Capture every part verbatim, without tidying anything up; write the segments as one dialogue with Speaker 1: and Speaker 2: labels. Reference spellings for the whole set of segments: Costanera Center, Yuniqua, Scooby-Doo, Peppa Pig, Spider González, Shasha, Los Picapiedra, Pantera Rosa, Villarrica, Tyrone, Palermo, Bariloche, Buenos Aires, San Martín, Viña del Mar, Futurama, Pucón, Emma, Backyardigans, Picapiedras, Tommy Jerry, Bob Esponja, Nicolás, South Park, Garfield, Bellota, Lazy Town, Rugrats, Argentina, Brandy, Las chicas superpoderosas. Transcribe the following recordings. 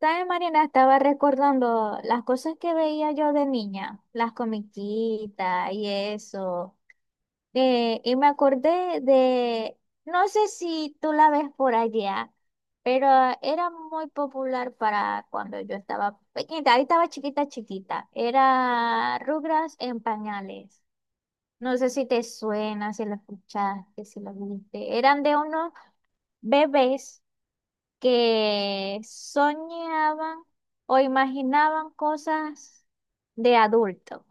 Speaker 1: ¿Sabes, Marina? Estaba recordando las cosas que veía yo de niña, las comiquitas y eso. Eh, y me acordé de, no sé si tú la ves por allá, pero era muy popular para cuando yo estaba pequeñita. Ahí estaba chiquita, chiquita. Era Rugras en pañales. No sé si te suena, si lo escuchaste, si lo viste. Eran de unos bebés que soñaban o imaginaban cosas de adulto.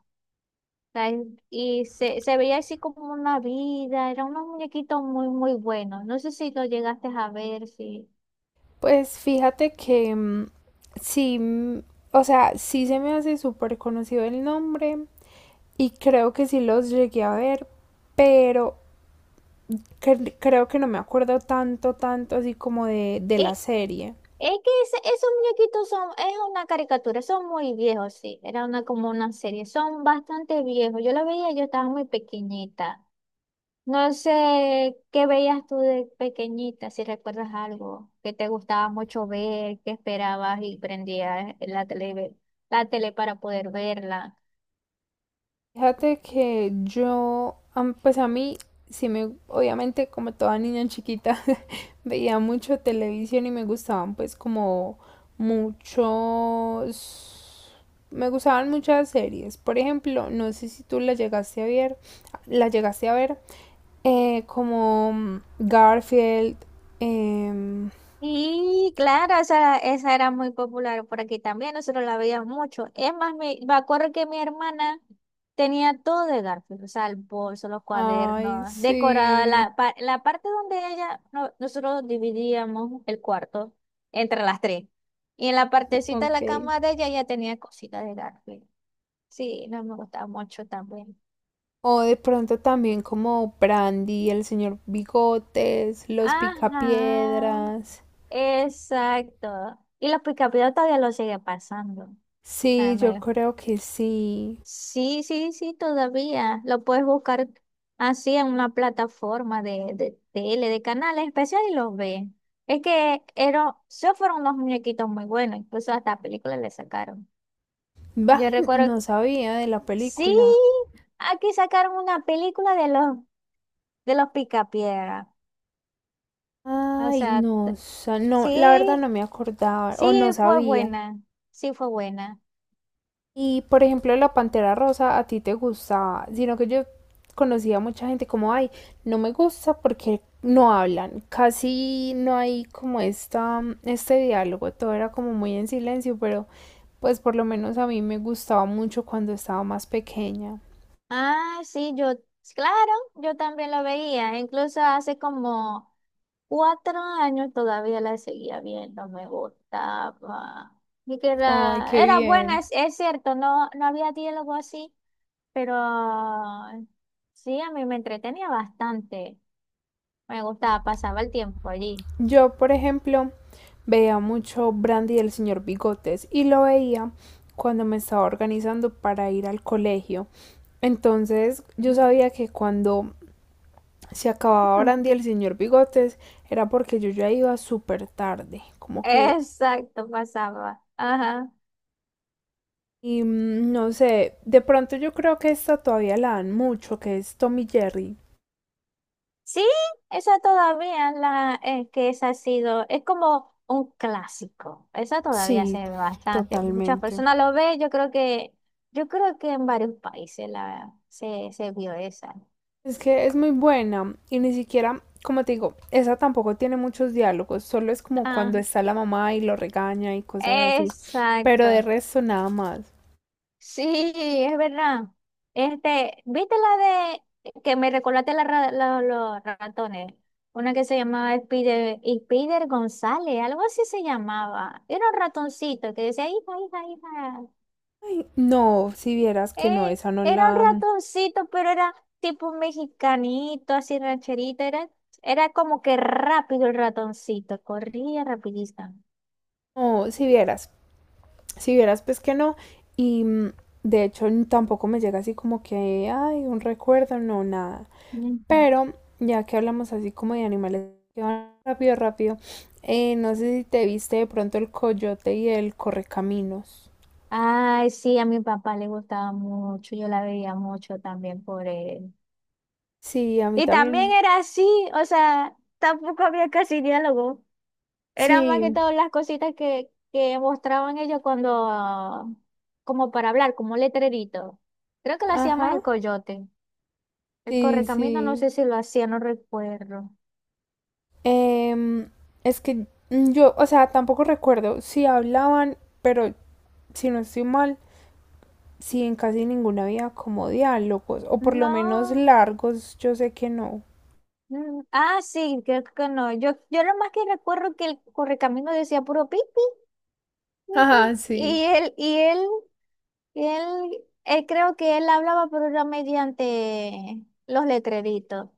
Speaker 1: O sea, en- Y se, se veía así como una vida, eran unos muñequitos muy, muy buenos. No sé si lo llegaste a ver, sí.
Speaker 2: Pues fíjate que mm, sí, mm, o sea, sí se me hace súper conocido el nombre y creo que sí los llegué a ver, pero cre- creo que no me acuerdo tanto, tanto así como de, de
Speaker 1: Y
Speaker 2: la serie.
Speaker 1: es que ese- esos muñequitos son, es una caricatura, son muy viejos, sí. Era una, como una serie, son bastante viejos. Yo la veía, yo estaba muy pequeñita. No sé qué veías tú de pequeñita, si recuerdas algo que te gustaba mucho ver, que esperabas y prendías la tele, la tele para poder verla.
Speaker 2: Fíjate que yo, am- pues a mí sí me, obviamente como toda niña chiquita, veía mucho televisión y me gustaban pues como muchos... Me gustaban muchas series. Por ejemplo, no sé si tú la llegaste a ver, la llegaste a ver, eh, como Garfield. em,
Speaker 1: Y claro, esa, esa era muy popular por aquí también, nosotros la veíamos mucho. Es más, me, me acuerdo que mi hermana tenía todo de Garfield, o sea, el bolso, los
Speaker 2: Ay,
Speaker 1: cuadernos, decorada
Speaker 2: sí.
Speaker 1: la, pa- la parte donde ella, no- nosotros dividíamos el cuarto entre las tres. Y en la partecita de
Speaker 2: Ok.
Speaker 1: la cama de ella ya tenía cositas de Garfield. Sí, no me gustaba mucho también.
Speaker 2: O de pronto también como Brandy, el señor Bigotes, los
Speaker 1: Ajá,
Speaker 2: Picapiedras.
Speaker 1: exacto. Y los picapiedras todavía lo sigue pasando. O sea,
Speaker 2: Sí, yo
Speaker 1: me-
Speaker 2: creo que sí.
Speaker 1: sí, sí, sí, todavía. Lo puedes buscar así en una plataforma de, de tele, de canales especiales y los ves. Es que eran, esos fueron unos muñequitos muy buenos, incluso hasta películas le sacaron.
Speaker 2: Bah,
Speaker 1: Yo recuerdo,
Speaker 2: no sabía de la
Speaker 1: sí,
Speaker 2: película.
Speaker 1: aquí sacaron una película de los, de los Picapiedra. O
Speaker 2: Ay,
Speaker 1: sea,
Speaker 2: no,
Speaker 1: t-
Speaker 2: sa- no, la verdad no
Speaker 1: sí,
Speaker 2: me acordaba o
Speaker 1: sí
Speaker 2: no
Speaker 1: fue
Speaker 2: sabía.
Speaker 1: buena, sí fue buena.
Speaker 2: Y por ejemplo, la Pantera Rosa a ti te gustaba, sino que yo conocía a mucha gente como, ay, no me gusta porque no hablan, casi no hay como esta, este diálogo, todo era como muy en silencio, pero pues por lo menos a mí me gustaba mucho cuando estaba más pequeña.
Speaker 1: Ah, sí, yo, claro, yo también lo veía, incluso hace como cuatro años todavía la seguía viendo, me gustaba. Y que
Speaker 2: Ay, qué
Speaker 1: era, era buena,
Speaker 2: bien.
Speaker 1: es, es cierto, no, no había diálogo así, pero sí, a mí me entretenía bastante. Me gustaba, pasaba el tiempo allí.
Speaker 2: Yo, por ejemplo, veía mucho Brandy del señor Bigotes y lo veía cuando me estaba organizando para ir al colegio. Entonces yo sabía que cuando se acababa Brandy el señor Bigotes era porque yo ya iba súper tarde, como que...
Speaker 1: Exacto, pasaba. Ajá.
Speaker 2: Y mm, no sé, de pronto yo creo que esta todavía la dan mucho, que es Tommy Jerry.
Speaker 1: Sí, esa todavía la eh, que esa ha sido, es como un clásico. Esa todavía se
Speaker 2: Sí,
Speaker 1: ve bastante. Muchas
Speaker 2: totalmente.
Speaker 1: personas lo ven, yo creo que, yo creo que en varios países la se, se vio esa.
Speaker 2: Es que es muy buena y ni siquiera, como te digo, esa tampoco tiene muchos diálogos, solo es como
Speaker 1: Ah,
Speaker 2: cuando está la mamá y lo regaña y cosas así, pero de
Speaker 1: exacto.
Speaker 2: resto nada más.
Speaker 1: Sí, es verdad. Este, ¿viste la de que me recordaste la ra- la- los ratones? Una que se llamaba Spider, Spider González, algo así se llamaba. Era un ratoncito que decía, hija, hija, hija.
Speaker 2: Ay, no, si vieras que no,
Speaker 1: Eh,
Speaker 2: esa no
Speaker 1: era un
Speaker 2: la... Mm.
Speaker 1: ratoncito, pero era tipo un mexicanito, así rancherito. Era, era como que rápido el ratoncito, corría rapidito.
Speaker 2: No, si vieras, si vieras pues que no y mm, de hecho n- tampoco me llega así como que, ay, un recuerdo, no, nada.
Speaker 1: Ujú.
Speaker 2: Pero ya que hablamos así como de animales, que vamos rápido, rápido, eh, no sé si te viste de pronto el coyote y el correcaminos.
Speaker 1: Ay, sí, a mi papá le gustaba mucho, yo la veía mucho también por él.
Speaker 2: Sí, a mí
Speaker 1: Y también
Speaker 2: también.
Speaker 1: era así, o sea, tampoco había casi diálogo. Eran más que
Speaker 2: Sí,
Speaker 1: todas las cositas que, que mostraban ellos cuando, como para hablar, como letrerito. Creo que lo hacía más el
Speaker 2: ajá.
Speaker 1: coyote. El
Speaker 2: Sí,
Speaker 1: correcamino,
Speaker 2: sí.
Speaker 1: no sé si lo hacía, no recuerdo.
Speaker 2: Em, es que yo, o sea, tampoco recuerdo si hablaban, pero si no estoy mal, sí, en casi ninguna había como diálogos, o por lo menos
Speaker 1: No.
Speaker 2: largos, yo sé que no.
Speaker 1: mm, Ah, sí, creo que no. Yo, yo lo más que recuerdo que el correcamino decía puro pipi,
Speaker 2: Ajá, sí.
Speaker 1: Y él, y él, y él, él creo que él hablaba, pero era mediante los letreritos.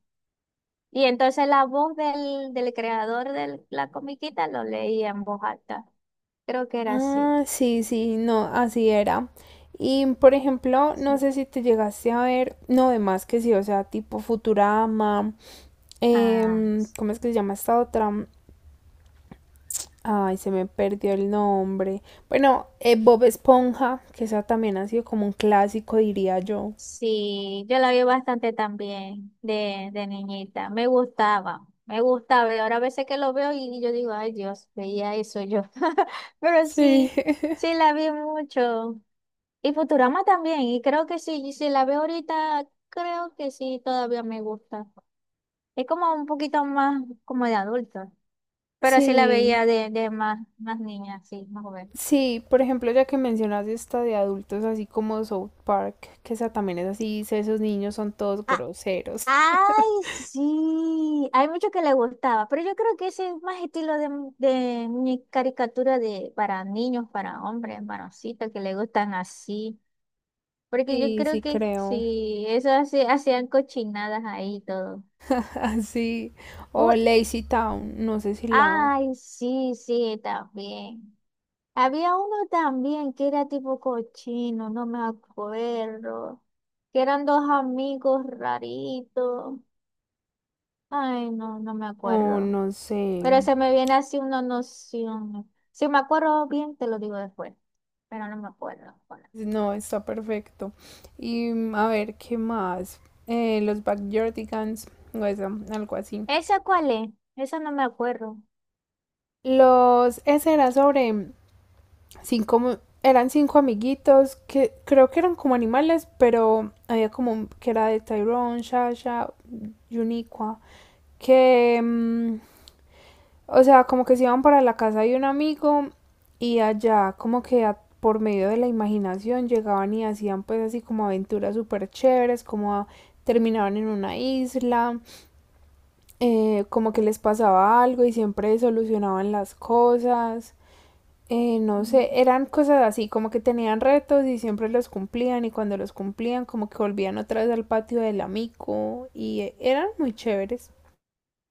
Speaker 1: Y entonces la voz del, del creador de la comiquita lo leía en voz alta. Creo que era así.
Speaker 2: Ah, sí, sí, no, así era. Y por ejemplo, no
Speaker 1: Sí.
Speaker 2: sé si te llegaste a ver, no, de más que sí, o sea, tipo Futurama.
Speaker 1: Ah,
Speaker 2: Em, ¿cómo es que se llama esta otra? Ay, se me perdió el nombre. Bueno, eh, Bob Esponja, que esa también ha sido como un clásico, diría yo.
Speaker 1: sí, yo la vi bastante también de, de niñita. Me gustaba, me gustaba. Y ahora a veces que lo veo y yo digo, ay Dios, veía eso yo. Pero
Speaker 2: Sí.
Speaker 1: sí, sí la vi mucho. Y Futurama también. Y creo que sí, y si la veo ahorita, creo que sí, todavía me gusta. Es como un poquito más como de adulto. Pero sí la
Speaker 2: Sí,
Speaker 1: veía de, de más, más niña, sí, más joven.
Speaker 2: sí, por ejemplo, ya que mencionas esta de adultos, así como South Park, que esa también es así, dice, esos niños son todos groseros.
Speaker 1: Ay, sí, hay mucho que le gustaba, pero yo creo que ese es más estilo de, de muñe- caricatura de para niños, para hombres, varoncitos que le gustan así, porque yo
Speaker 2: Sí,
Speaker 1: creo
Speaker 2: sí
Speaker 1: que
Speaker 2: creo.
Speaker 1: sí, eso hace- hacían cochinadas ahí y todo.
Speaker 2: Así. O
Speaker 1: Uy,
Speaker 2: Lazy Town, no sé si la...
Speaker 1: ay, sí, sí, también. Había uno también que era tipo cochino, no me acuerdo, que eran dos amigos raritos. Ay, no, no me
Speaker 2: O
Speaker 1: acuerdo.
Speaker 2: no sé.
Speaker 1: Pero se me viene así una noción. Si me acuerdo bien, te lo digo después, pero no me acuerdo ahora.
Speaker 2: No, está perfecto. Y mm, a ver, ¿qué más? Eh, Los Backyardigans, o eso, algo así.
Speaker 1: ¿Esa cuál es? Esa no me acuerdo.
Speaker 2: Los, ese era sobre cinco, mu- eran cinco amiguitos que creo que eran como animales, pero había como un- que era de Tyrone, Shasha, Yuniqua, que mm, o sea, como que se iban para la casa de un amigo y allá como que a- por medio de la imaginación llegaban y hacían pues así como aventuras súper chéveres, como a- terminaban en una isla, eh, como que les pasaba algo y siempre solucionaban las cosas. Eh, no sé, eran cosas así, como que tenían retos y siempre los cumplían y cuando los cumplían como que volvían otra vez al patio del amigo y eh, eran muy chéveres.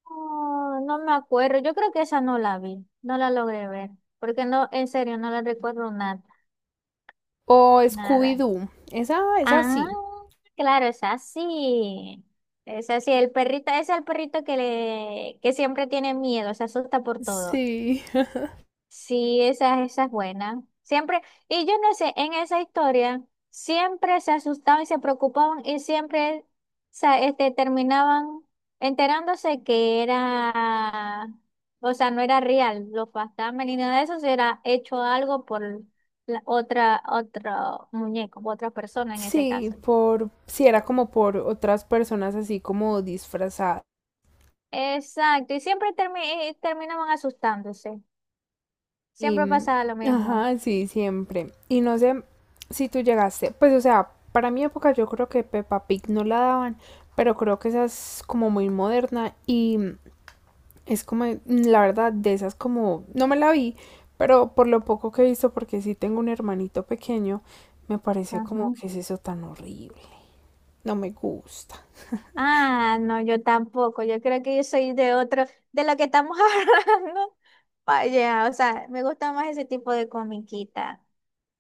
Speaker 1: Oh, no me acuerdo. Yo creo que esa no la vi, no la logré ver, porque no, en serio, no la recuerdo nada,
Speaker 2: O
Speaker 1: nada.
Speaker 2: Scooby-Doo, esa, esa
Speaker 1: Ah,
Speaker 2: sí.
Speaker 1: claro, es así. Es así, el perrito, es el perrito que le, que siempre tiene miedo, se asusta por todo.
Speaker 2: Sí.
Speaker 1: Sí, esa, esa es buena. Siempre, y yo no sé, en esa historia siempre se asustaban y se preocupaban y siempre sa- este, terminaban enterándose que era, o sea, no era real, los fantasmas ni nada de eso, se era hecho algo por la otra, otro muñeco, otra persona en ese caso.
Speaker 2: Sí, por, sí, era como por otras personas así como disfrazadas.
Speaker 1: Exacto, y siempre termi- eh, terminaban asustándose.
Speaker 2: Y,
Speaker 1: Siempre
Speaker 2: mm,
Speaker 1: pasaba lo mismo.
Speaker 2: ajá, sí, siempre. Y no sé si tú llegaste, pues o sea, para mi época yo creo que Peppa Pig no la daban, pero creo que esa es como muy moderna y mm, es como, mm, la verdad, de esas como, no me la vi, pero por lo poco que he visto, porque sí tengo un hermanito pequeño, me parece como
Speaker 1: Ajá.
Speaker 2: que es eso tan horrible. No me gusta.
Speaker 1: Ah, no, yo tampoco. Yo creo que yo soy de otro, de lo que estamos hablando. Vaya, o sea, me gusta más ese tipo de comiquita.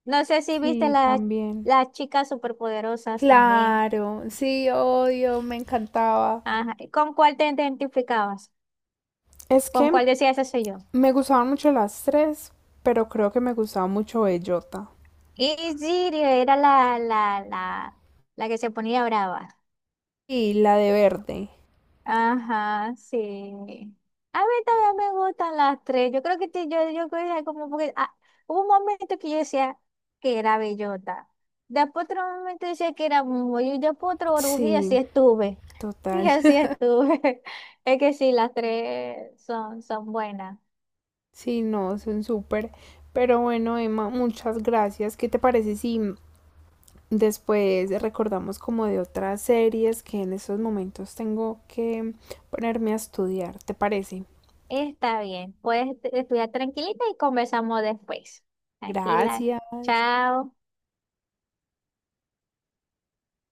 Speaker 1: No sé si viste
Speaker 2: Sí,
Speaker 1: las
Speaker 2: también.
Speaker 1: las chicas superpoderosas también.
Speaker 2: Claro, sí, odio, me encantaba.
Speaker 1: Ajá. ¿Y con cuál te identificabas?
Speaker 2: Es
Speaker 1: ¿Con
Speaker 2: que
Speaker 1: cuál decías eso soy yo?
Speaker 2: me gustaban mucho las tres, pero creo que me gustaba mucho Bellota.
Speaker 1: Y Siri era la, la, la, la que se ponía brava.
Speaker 2: Y la de verde.
Speaker 1: Ajá, sí. A mí también me gustan las tres. Yo creo que te- yo, yo creo que como porque ah, hubo un momento que yo decía que era bellota. Después otro momento decía que era Momo. Y después otro oruji y así
Speaker 2: Sí,
Speaker 1: estuve. Y
Speaker 2: total.
Speaker 1: así estuve. Es que sí, las tres son, son buenas.
Speaker 2: Sí, no, son súper. Pero bueno, Emma, muchas gracias. ¿Qué te parece si después recordamos como de otras series que en estos momentos tengo que ponerme a estudiar? ¿Te parece?
Speaker 1: Está bien. Puedes estudiar tranquilita y conversamos después. Tranquila.
Speaker 2: Gracias.
Speaker 1: Chao.